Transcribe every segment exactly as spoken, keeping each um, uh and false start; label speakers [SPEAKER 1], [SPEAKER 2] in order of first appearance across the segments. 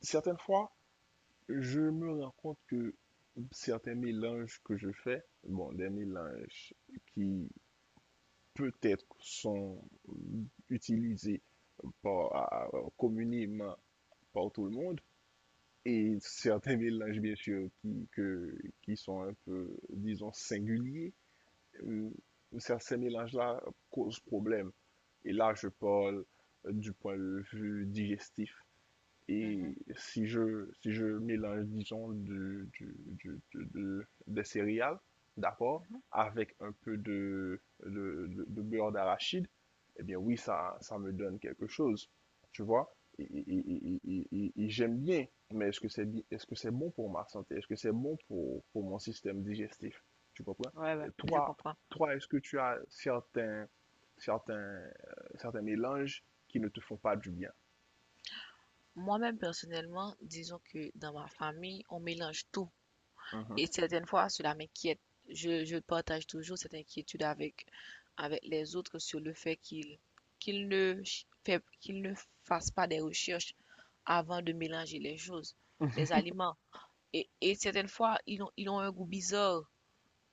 [SPEAKER 1] Certaines fois, je me rends compte que certains mélanges que je fais, bon, des mélanges qui peut-être sont utilisés par, à- communément par tout le monde, et certains mélanges,
[SPEAKER 2] Mmh
[SPEAKER 1] bien sûr, qui, que, qui sont un peu, disons, singuliers, euh, ça- ces mélanges-là causent problème. Et là, je parle du point de vue digestif. Et
[SPEAKER 2] mh.
[SPEAKER 1] si je, si je mélange, disons, de, du- du- de- de- des céréales, d'accord,
[SPEAKER 2] Mmh mh.
[SPEAKER 1] avec un peu de, de, de- de beurre d'arachide, eh bien oui, ça, ça me donne quelque chose, tu vois. Et, et-
[SPEAKER 2] Mmh.
[SPEAKER 1] et- et- et- et et j'aime bien, mais est-ce que c'est bi- est-ce que c'est bon pour ma santé? Est-ce que c'est bon pour, pour mon système digestif? Tu comprends?
[SPEAKER 2] Ouais, ouais,
[SPEAKER 1] Et
[SPEAKER 2] je
[SPEAKER 1] toi,
[SPEAKER 2] comprends.
[SPEAKER 1] toi, est-ce que tu as certains, certains, euh, certains mélanges qui ne te font pas du bien?
[SPEAKER 2] Moi-même, personnellement, disons que dans ma famille, on mélange tout.
[SPEAKER 1] Mhm.
[SPEAKER 2] Et certaines fois, cela m'inquiète. Je, je partage toujours cette inquiétude avec, avec les autres sur le fait qu'ils qu'ils ne, ch- fait- qu'ils ne fassent pas des recherches avant de mélanger les choses, les aliments. Et, et certaines fois, ils ont, ils ont un goût bizarre.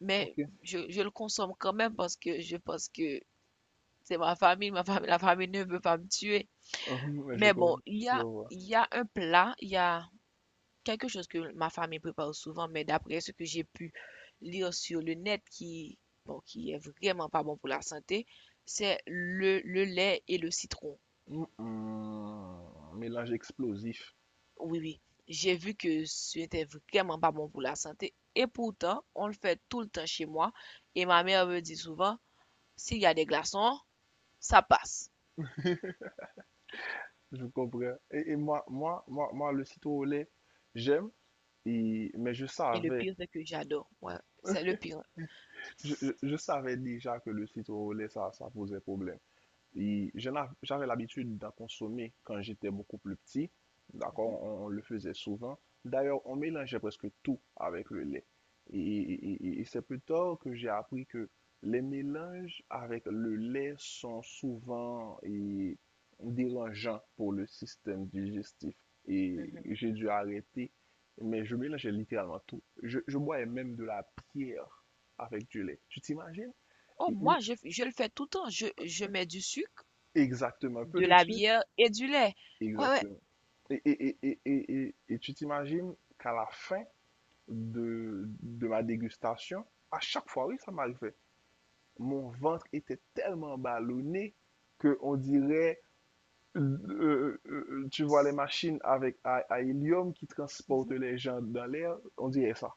[SPEAKER 2] Mais
[SPEAKER 1] Ok.
[SPEAKER 2] je, je le consomme quand même parce que je pense que c'est ma famille, ma famille, la famille ne veut pas me tuer.
[SPEAKER 1] Hum, ouais, je
[SPEAKER 2] Mais bon,
[SPEAKER 1] comprends.
[SPEAKER 2] il y
[SPEAKER 1] Je
[SPEAKER 2] a,
[SPEAKER 1] vois.
[SPEAKER 2] il y a un plat, il y a quelque chose que ma famille prépare souvent, mais d'après ce que j'ai pu lire sur le net, qui, bon, qui est vraiment pas bon pour la santé, c'est le, le lait et le citron.
[SPEAKER 1] Hum, hum, mélange explosif.
[SPEAKER 2] Oui, oui. J'ai vu que c'était vraiment pas bon pour la santé. Et pourtant, on le fait tout le temps chez moi. Et ma mère me dit souvent, s'il y a des glaçons, ça passe.
[SPEAKER 1] Je comprends. Et, et moi, moi, moi, moi, le citron au lait, j'aime. Et, mais je
[SPEAKER 2] Et le
[SPEAKER 1] savais,
[SPEAKER 2] pire, c'est que j'adore. Ouais, c'est le pire.
[SPEAKER 1] je, je- je savais déjà que le citron au lait, ça, ça posait problème. Et je n'a- j'avais l'habitude d'en consommer quand j'étais beaucoup plus petit.
[SPEAKER 2] Mhm,
[SPEAKER 1] D'accord? On, on le faisait souvent. D'ailleurs, on mélangeait presque tout avec le lait. Et, et- et- et c'est plus tard que j'ai appris que les mélanges avec le lait sont souvent et, dérangeants pour le système digestif. Et
[SPEAKER 2] mhm.
[SPEAKER 1] j'ai dû arrêter, mais je mélangeais littéralement tout. Je, je bois même de la pierre avec du lait. Tu t'imagines?
[SPEAKER 2] Oh,
[SPEAKER 1] Et une-
[SPEAKER 2] moi, je, je le fais tout le temps. Je, je mets du sucre,
[SPEAKER 1] Exactement, un peu
[SPEAKER 2] de
[SPEAKER 1] de
[SPEAKER 2] la
[SPEAKER 1] sucre.
[SPEAKER 2] bière et du lait. Ouais, ouais.
[SPEAKER 1] Exactement. Et, et, et, et, et, et tu t'imagines qu'à la fin de, de ma dégustation, à chaque fois, oui, ça m'arrivait. Mon ventre était tellement ballonné que on dirait, euh, euh, euh, tu vois les machines avec à, à hélium qui transportent
[SPEAKER 2] Mhm.
[SPEAKER 1] les gens dans l'air, on dirait ça.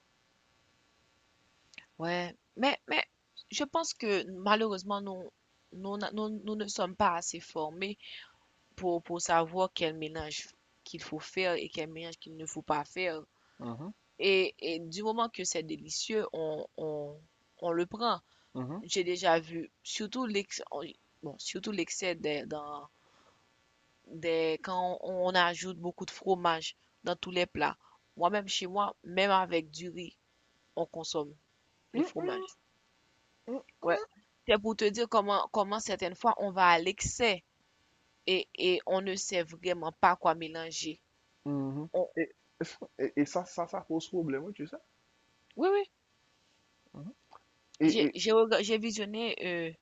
[SPEAKER 2] Ouais. Mais, mais je pense que malheureusement, nous, nous, n'a- nous, nous ne sommes pas assez formés pour, pour savoir quel mélange qu'il faut faire et quel mélange qu'il ne faut pas faire.
[SPEAKER 1] Mhm,
[SPEAKER 2] Et, et du moment que c'est délicieux, on, on, on le prend.
[SPEAKER 1] mhm.
[SPEAKER 2] J'ai déjà vu, surtout l'excès, bon, surtout l'excès des- dans, des, quand on on ajoute beaucoup de fromage dans tous les plats. Moi-même, chez moi, même avec du riz, on consomme le
[SPEAKER 1] Mm,
[SPEAKER 2] fromage.
[SPEAKER 1] mm,
[SPEAKER 2] Ouais. C'est pour te dire comment, comment certaines fois on va à l'excès et, et on ne sait vraiment pas quoi mélanger.
[SPEAKER 1] mm, mhm.
[SPEAKER 2] On-
[SPEAKER 1] Et, et, et ça, ça, ça pose problème, oui, tu sais.
[SPEAKER 2] Oui, oui.
[SPEAKER 1] Mhm. Et,
[SPEAKER 2] J'ai
[SPEAKER 1] et-
[SPEAKER 2] j'ai rega- j'ai visionné euh,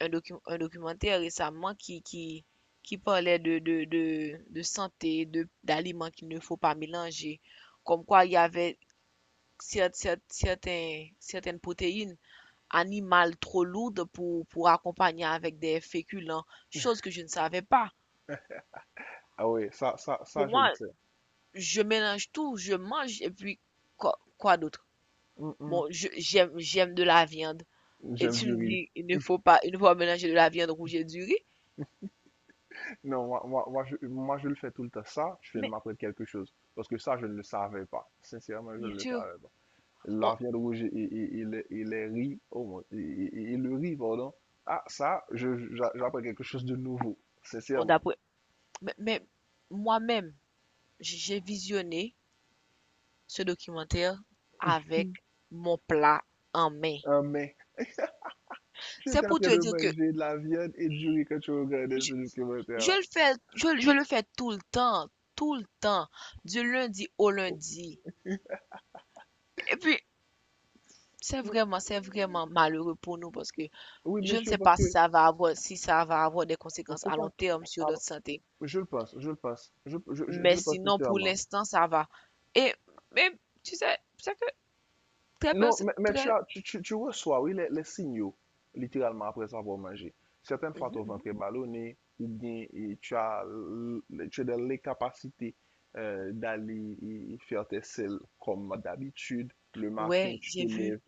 [SPEAKER 2] un, docu- un documentaire récemment qui, qui, qui parlait de, de, de, de santé, de, d'aliments qu'il ne faut pas mélanger. Comme quoi, il y avait cer- cer- certains, certaines protéines animal trop lourde pour, pour accompagner avec des féculents, chose que je ne savais pas.
[SPEAKER 1] ah ouais, ça, ça,
[SPEAKER 2] Pour
[SPEAKER 1] ça, je le
[SPEAKER 2] moi,
[SPEAKER 1] sais.
[SPEAKER 2] je mélange tout, je mange et puis quoi, quoi d'autre?
[SPEAKER 1] Mhm. Mm.
[SPEAKER 2] Bon, je- j'aime, j'aime de la viande. Et
[SPEAKER 1] J'aime du
[SPEAKER 2] tu me
[SPEAKER 1] riz.
[SPEAKER 2] dis, il ne faut pas, il ne faut pas mélanger de la viande rouge et du riz.
[SPEAKER 1] Non, moi, moi, moi, je, moi, je le fais tout le temps. Ça, tu viens de
[SPEAKER 2] Mais
[SPEAKER 1] m'apprendre quelque chose. Parce que ça, je ne le savais pas. Sincèrement, je
[SPEAKER 2] bien
[SPEAKER 1] ne le
[SPEAKER 2] sûr,
[SPEAKER 1] savais pas.
[SPEAKER 2] on,
[SPEAKER 1] La viande rouge et, et, et les, et les riz, oh, mon- et, et- et le riz, pardon. Ah, ça, je, j'a- j'apprends quelque chose de nouveau.
[SPEAKER 2] on
[SPEAKER 1] Sincèrement.
[SPEAKER 2] d'après, mais, mais moi-même, j- j'ai visionné ce documentaire avec mon plat en main.
[SPEAKER 1] Ah, mais, tu
[SPEAKER 2] C'est
[SPEAKER 1] étais en
[SPEAKER 2] pour
[SPEAKER 1] train
[SPEAKER 2] te
[SPEAKER 1] de
[SPEAKER 2] dire que
[SPEAKER 1] manger de la viande et du riz quand tu regardais
[SPEAKER 2] je-
[SPEAKER 1] ce
[SPEAKER 2] je
[SPEAKER 1] documentaire-là.
[SPEAKER 2] le fais, je, je le fais tout le temps, tout le temps, du lundi au
[SPEAKER 1] Oh,
[SPEAKER 2] lundi. Et puis, c'est
[SPEAKER 1] mm,
[SPEAKER 2] vraiment, c'est vraiment malheureux pour nous parce que
[SPEAKER 1] oui,
[SPEAKER 2] je
[SPEAKER 1] bien
[SPEAKER 2] ne
[SPEAKER 1] sûr,
[SPEAKER 2] sais
[SPEAKER 1] parce
[SPEAKER 2] pas si
[SPEAKER 1] que,
[SPEAKER 2] ça va avoir, si ça va avoir des
[SPEAKER 1] parce
[SPEAKER 2] conséquences
[SPEAKER 1] que
[SPEAKER 2] à long
[SPEAKER 1] quand,
[SPEAKER 2] terme sur notre
[SPEAKER 1] alors,
[SPEAKER 2] santé.
[SPEAKER 1] je le pense, je le pense, je, je, je, je
[SPEAKER 2] Mais
[SPEAKER 1] le pense
[SPEAKER 2] sinon, pour
[SPEAKER 1] sincèrement.
[SPEAKER 2] l'instant, ça va. Et, mais, tu sais, c'est que très,
[SPEAKER 1] Non,
[SPEAKER 2] personne-
[SPEAKER 1] mais, mais tu
[SPEAKER 2] très,
[SPEAKER 1] as, tu, tu, tu reçois, oui, les, les signaux, littéralement, après avoir mangé. Certaines fois, ton ventre
[SPEAKER 2] Mhm.
[SPEAKER 1] est ballonné, ou bien et tu as, l- tu as de- les capacités euh, d'aller et- et faire tes selles comme d'habitude. Le matin,
[SPEAKER 2] Ouais,
[SPEAKER 1] tu te
[SPEAKER 2] j'ai vu,
[SPEAKER 1] lèves,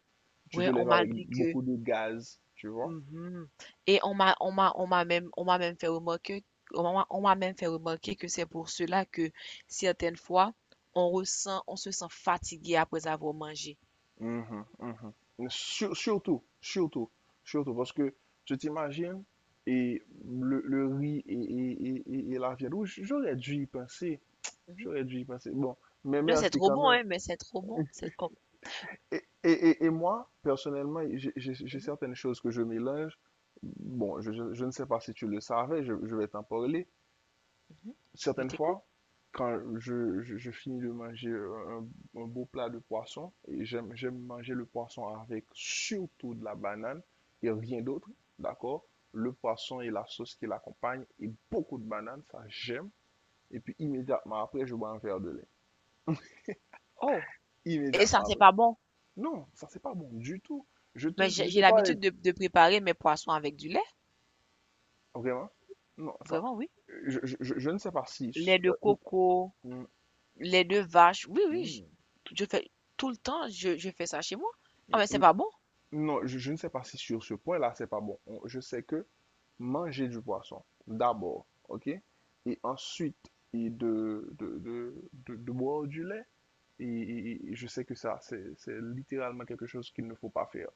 [SPEAKER 1] tu te
[SPEAKER 2] ouais, on
[SPEAKER 1] lèves
[SPEAKER 2] m'a
[SPEAKER 1] avec
[SPEAKER 2] dit que
[SPEAKER 1] beaucoup de gaz, tu vois?
[SPEAKER 2] Mhm. Et on m'a, on m'a, on m'a même, on m'a même fait remarquer, on m'a, on m'a même fait remarquer que c'est pour cela que certaines fois, on ressent, on se sent fatigué après avoir mangé.
[SPEAKER 1] Mhm, mhm. Sur- surtout, surtout, surtout, parce que tu t'imagines, et le, le riz et, et, et, et- et la viande rouge, j'aurais dû y penser.
[SPEAKER 2] Mhm.
[SPEAKER 1] J'aurais dû y passer. Bon, mais
[SPEAKER 2] Là, c'est
[SPEAKER 1] merci
[SPEAKER 2] trop
[SPEAKER 1] quand
[SPEAKER 2] bon,
[SPEAKER 1] même.
[SPEAKER 2] hein, mais c'est trop bon. C'est comme,
[SPEAKER 1] Et, et, et, et moi, personnellement, j'ai j'ai- j'ai
[SPEAKER 2] Mhm,
[SPEAKER 1] certaines choses que je mélange. Bon, je, je- je ne sais pas si tu le savais, je, je vais t'en parler.
[SPEAKER 2] mhm. Je
[SPEAKER 1] Certaines
[SPEAKER 2] t'écoute.
[SPEAKER 1] fois, quand je, je- je finis de manger un, un beau plat de poisson, et j'aime, j'aime manger le poisson avec surtout de la banane et rien d'autre, d'accord? Le poisson et la sauce qui l'accompagne et beaucoup de bananes, ça j'aime. Et puis immédiatement après, je bois un verre de lait.
[SPEAKER 2] Oh, et
[SPEAKER 1] Immédiatement
[SPEAKER 2] ça, c'est
[SPEAKER 1] après.
[SPEAKER 2] pas bon.
[SPEAKER 1] Non, ça c'est pas bon du tout. Je te,
[SPEAKER 2] Mais j'ai
[SPEAKER 1] je
[SPEAKER 2] j'ai
[SPEAKER 1] t'ai parlé,
[SPEAKER 2] l'habitude de, de préparer mes poissons avec du lait.
[SPEAKER 1] vraiment. Non, ça,
[SPEAKER 2] Vraiment, oui.
[SPEAKER 1] je, je- je- je ne sais pas si,
[SPEAKER 2] Lait de
[SPEAKER 1] euh,
[SPEAKER 2] coco,
[SPEAKER 1] mm,
[SPEAKER 2] lait de vache. Oui, oui. Je,
[SPEAKER 1] mm,
[SPEAKER 2] je fais tout le temps, je, je fais ça chez moi. Ah, mais c'est
[SPEAKER 1] mm,
[SPEAKER 2] pas bon.
[SPEAKER 1] non, je, je ne sais pas si sur ce point-là c'est pas bon. On- Je sais que manger du poisson d'abord, ok, et ensuite et de, de, de, de- de boire du lait. Et, et- et je sais que ça, c'est, c'est littéralement quelque chose qu'il ne faut pas faire.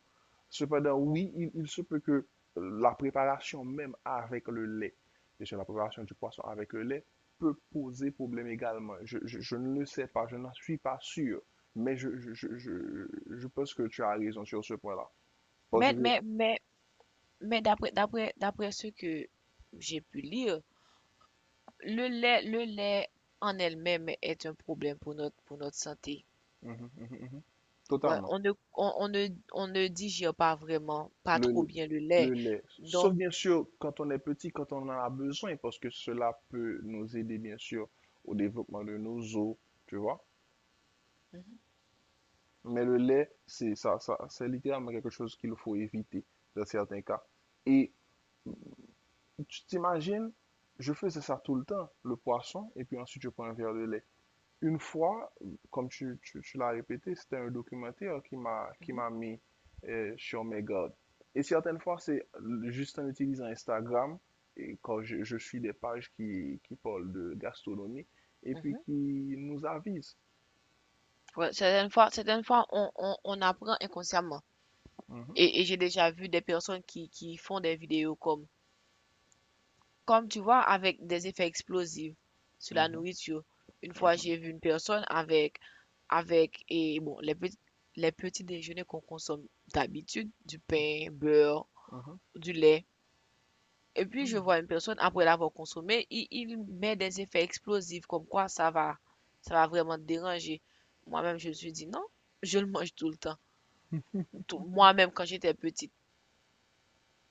[SPEAKER 1] Cependant, oui, il, il se peut que la préparation même avec le lait, et sur la préparation du poisson avec le lait, peut poser problème également. Je, je- je ne le sais pas, je n'en suis pas sûr, mais je, je, je, je, je pense que tu as raison sur ce point-là. Parce
[SPEAKER 2] Mais,
[SPEAKER 1] que,
[SPEAKER 2] mais, mais. Mais d'après, d'après, d'après ce que j'ai pu lire, le lait, le lait en elle-même est un problème pour notre, pour notre santé.
[SPEAKER 1] mhm, mhm, mhm, mhm,
[SPEAKER 2] Ouais,
[SPEAKER 1] totalement,
[SPEAKER 2] on ne, on, on ne, on ne digère pas vraiment, pas trop
[SPEAKER 1] le,
[SPEAKER 2] bien le
[SPEAKER 1] le
[SPEAKER 2] lait.
[SPEAKER 1] lait, sauf
[SPEAKER 2] Donc,
[SPEAKER 1] bien sûr quand on est petit, quand on en a besoin, parce que cela peut nous aider bien sûr au développement de nos os, tu vois.
[SPEAKER 2] Mhm,
[SPEAKER 1] Mais le lait, c'est ça, ça, c'est littéralement quelque chose qu'il faut éviter dans certains cas. Et tu t'imagines, je faisais ça tout le temps, le poisson, et puis ensuite je prends un verre de lait. Une fois, comme tu, tu- tu l'as répété, c'était un documentaire qui m'a qui
[SPEAKER 2] mhm,
[SPEAKER 1] m'a mis euh, sur mes gardes. Et certaines fois, c'est juste en utilisant Instagram, et quand je, je suis des pages qui, qui parlent de gastronomie, et puis
[SPEAKER 2] mhm.
[SPEAKER 1] qui nous avisent.
[SPEAKER 2] Ouais, certaines fois, certaines fois on, on, on apprend inconsciemment.
[SPEAKER 1] Mhm,
[SPEAKER 2] Et, et j'ai déjà vu des personnes qui, qui font des vidéos comme Comme tu vois, avec des effets explosifs sur la
[SPEAKER 1] mhm,
[SPEAKER 2] nourriture. Une fois,
[SPEAKER 1] mhm,
[SPEAKER 2] j'ai vu une personne avec, avec et bon, les petits, les petits déjeuners qu'on consomme d'habitude, du pain, beurre,
[SPEAKER 1] mhm,
[SPEAKER 2] du lait. Et puis, je
[SPEAKER 1] mhm,
[SPEAKER 2] vois une personne, après l'avoir consommé, il, il met des effets explosifs, comme quoi ça va, ça va vraiment te déranger. Moi-même, je me suis dit non, je le mange tout le temps. Tout- Moi-même, quand j'étais petite,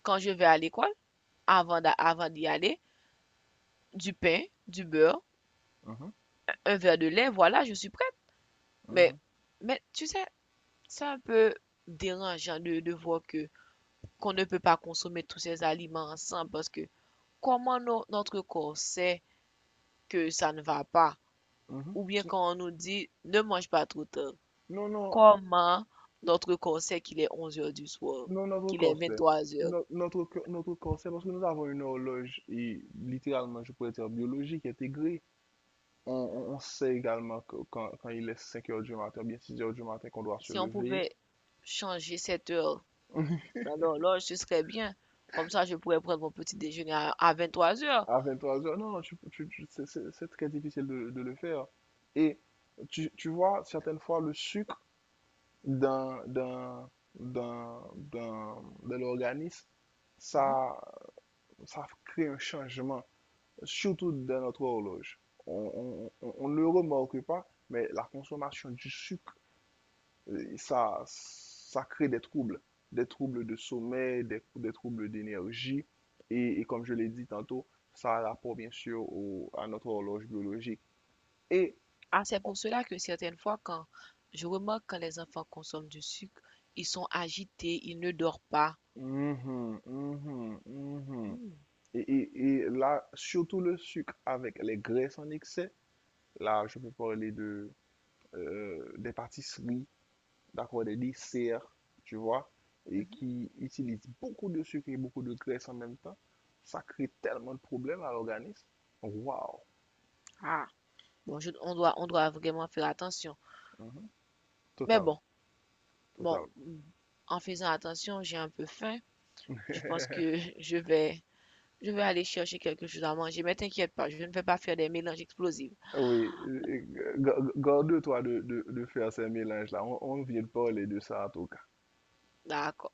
[SPEAKER 2] quand je vais à l'école, avant d'a- avant d'y aller, du pain, du beurre,
[SPEAKER 1] mhm,
[SPEAKER 2] un verre de lait, voilà, je suis Mais,
[SPEAKER 1] mhm.
[SPEAKER 2] mais tu sais, c'est un peu dérangeant de, de voir que qu'on ne peut pas consommer tous ces aliments ensemble parce que comment no- notre corps sait que ça ne va pas?
[SPEAKER 1] Mhm.
[SPEAKER 2] Ou bien quand on nous dit ne mange pas trop tard,
[SPEAKER 1] Non, non,
[SPEAKER 2] comment notre corps sait qu'il est onze heures du soir,
[SPEAKER 1] non, notre
[SPEAKER 2] qu'il est
[SPEAKER 1] corps sait.
[SPEAKER 2] vingt-trois heures?
[SPEAKER 1] No- notre, co- notre corps parce que nous avons une horloge et littéralement, je pourrais dire biologique intégrée. On, on- on sait également que quand, quand il est cinq heures du matin, bien six heures du matin, qu'on doit se
[SPEAKER 2] Si on
[SPEAKER 1] lever.
[SPEAKER 2] pouvait changer cette heure dans l'horloge, ce serait bien. Comme ça, je pourrais prendre mon petit déjeuner à, à trois heures.
[SPEAKER 1] À vingt trois heures, non, non, tu- tu- tu- c'est c'est- c'est très difficile de, de le faire. Et tu, tu vois, certaines fois, le sucre dans, dans, dans, dans, dans l'organisme, ça, ça crée un changement surtout dans notre horloge. On, on- on- ne le remarque pas, mais la consommation du sucre, euh, ça, ça crée des troubles, des troubles de sommeil, des, des troubles d'énergie. Et, et comme je l'ai dit tantôt, ça a rapport bien sûr au- à notre horloge biologique. Et,
[SPEAKER 2] Ah, c'est pour cela que certaines fois, quand je remarque quand les enfants consomment du sucre, ils sont agités, ils ne dorment pas.
[SPEAKER 1] mhm, mhm, mhm.
[SPEAKER 2] Hmm,
[SPEAKER 1] Et, et- et là, surtout le sucre avec les graisses en excès, là, je peux parler de, euh, des pâtisseries, d'accord, des desserts, tu vois, et
[SPEAKER 2] mhm.
[SPEAKER 1] qui utilisent beaucoup de sucre et beaucoup de graisse en même temps, ça crée tellement de problèmes à l'organisme. Waouh!
[SPEAKER 2] Ah, bon, je- on doit, on doit vraiment faire attention.
[SPEAKER 1] Mhm.
[SPEAKER 2] Mais bon,
[SPEAKER 1] Totalement,
[SPEAKER 2] bon,
[SPEAKER 1] totalement.
[SPEAKER 2] hmm, en faisant attention, j'ai un peu faim. Je pense que je vais, je vais aller chercher quelque chose à manger. Mais t'inquiète pas, je ne vais pas faire des mélanges explosifs.
[SPEAKER 1] Oui, euh, ga- ga- garde-toi de, de, de faire ces mélanges-là. On, on vient de parler de ça, en tout cas.
[SPEAKER 2] D'accord.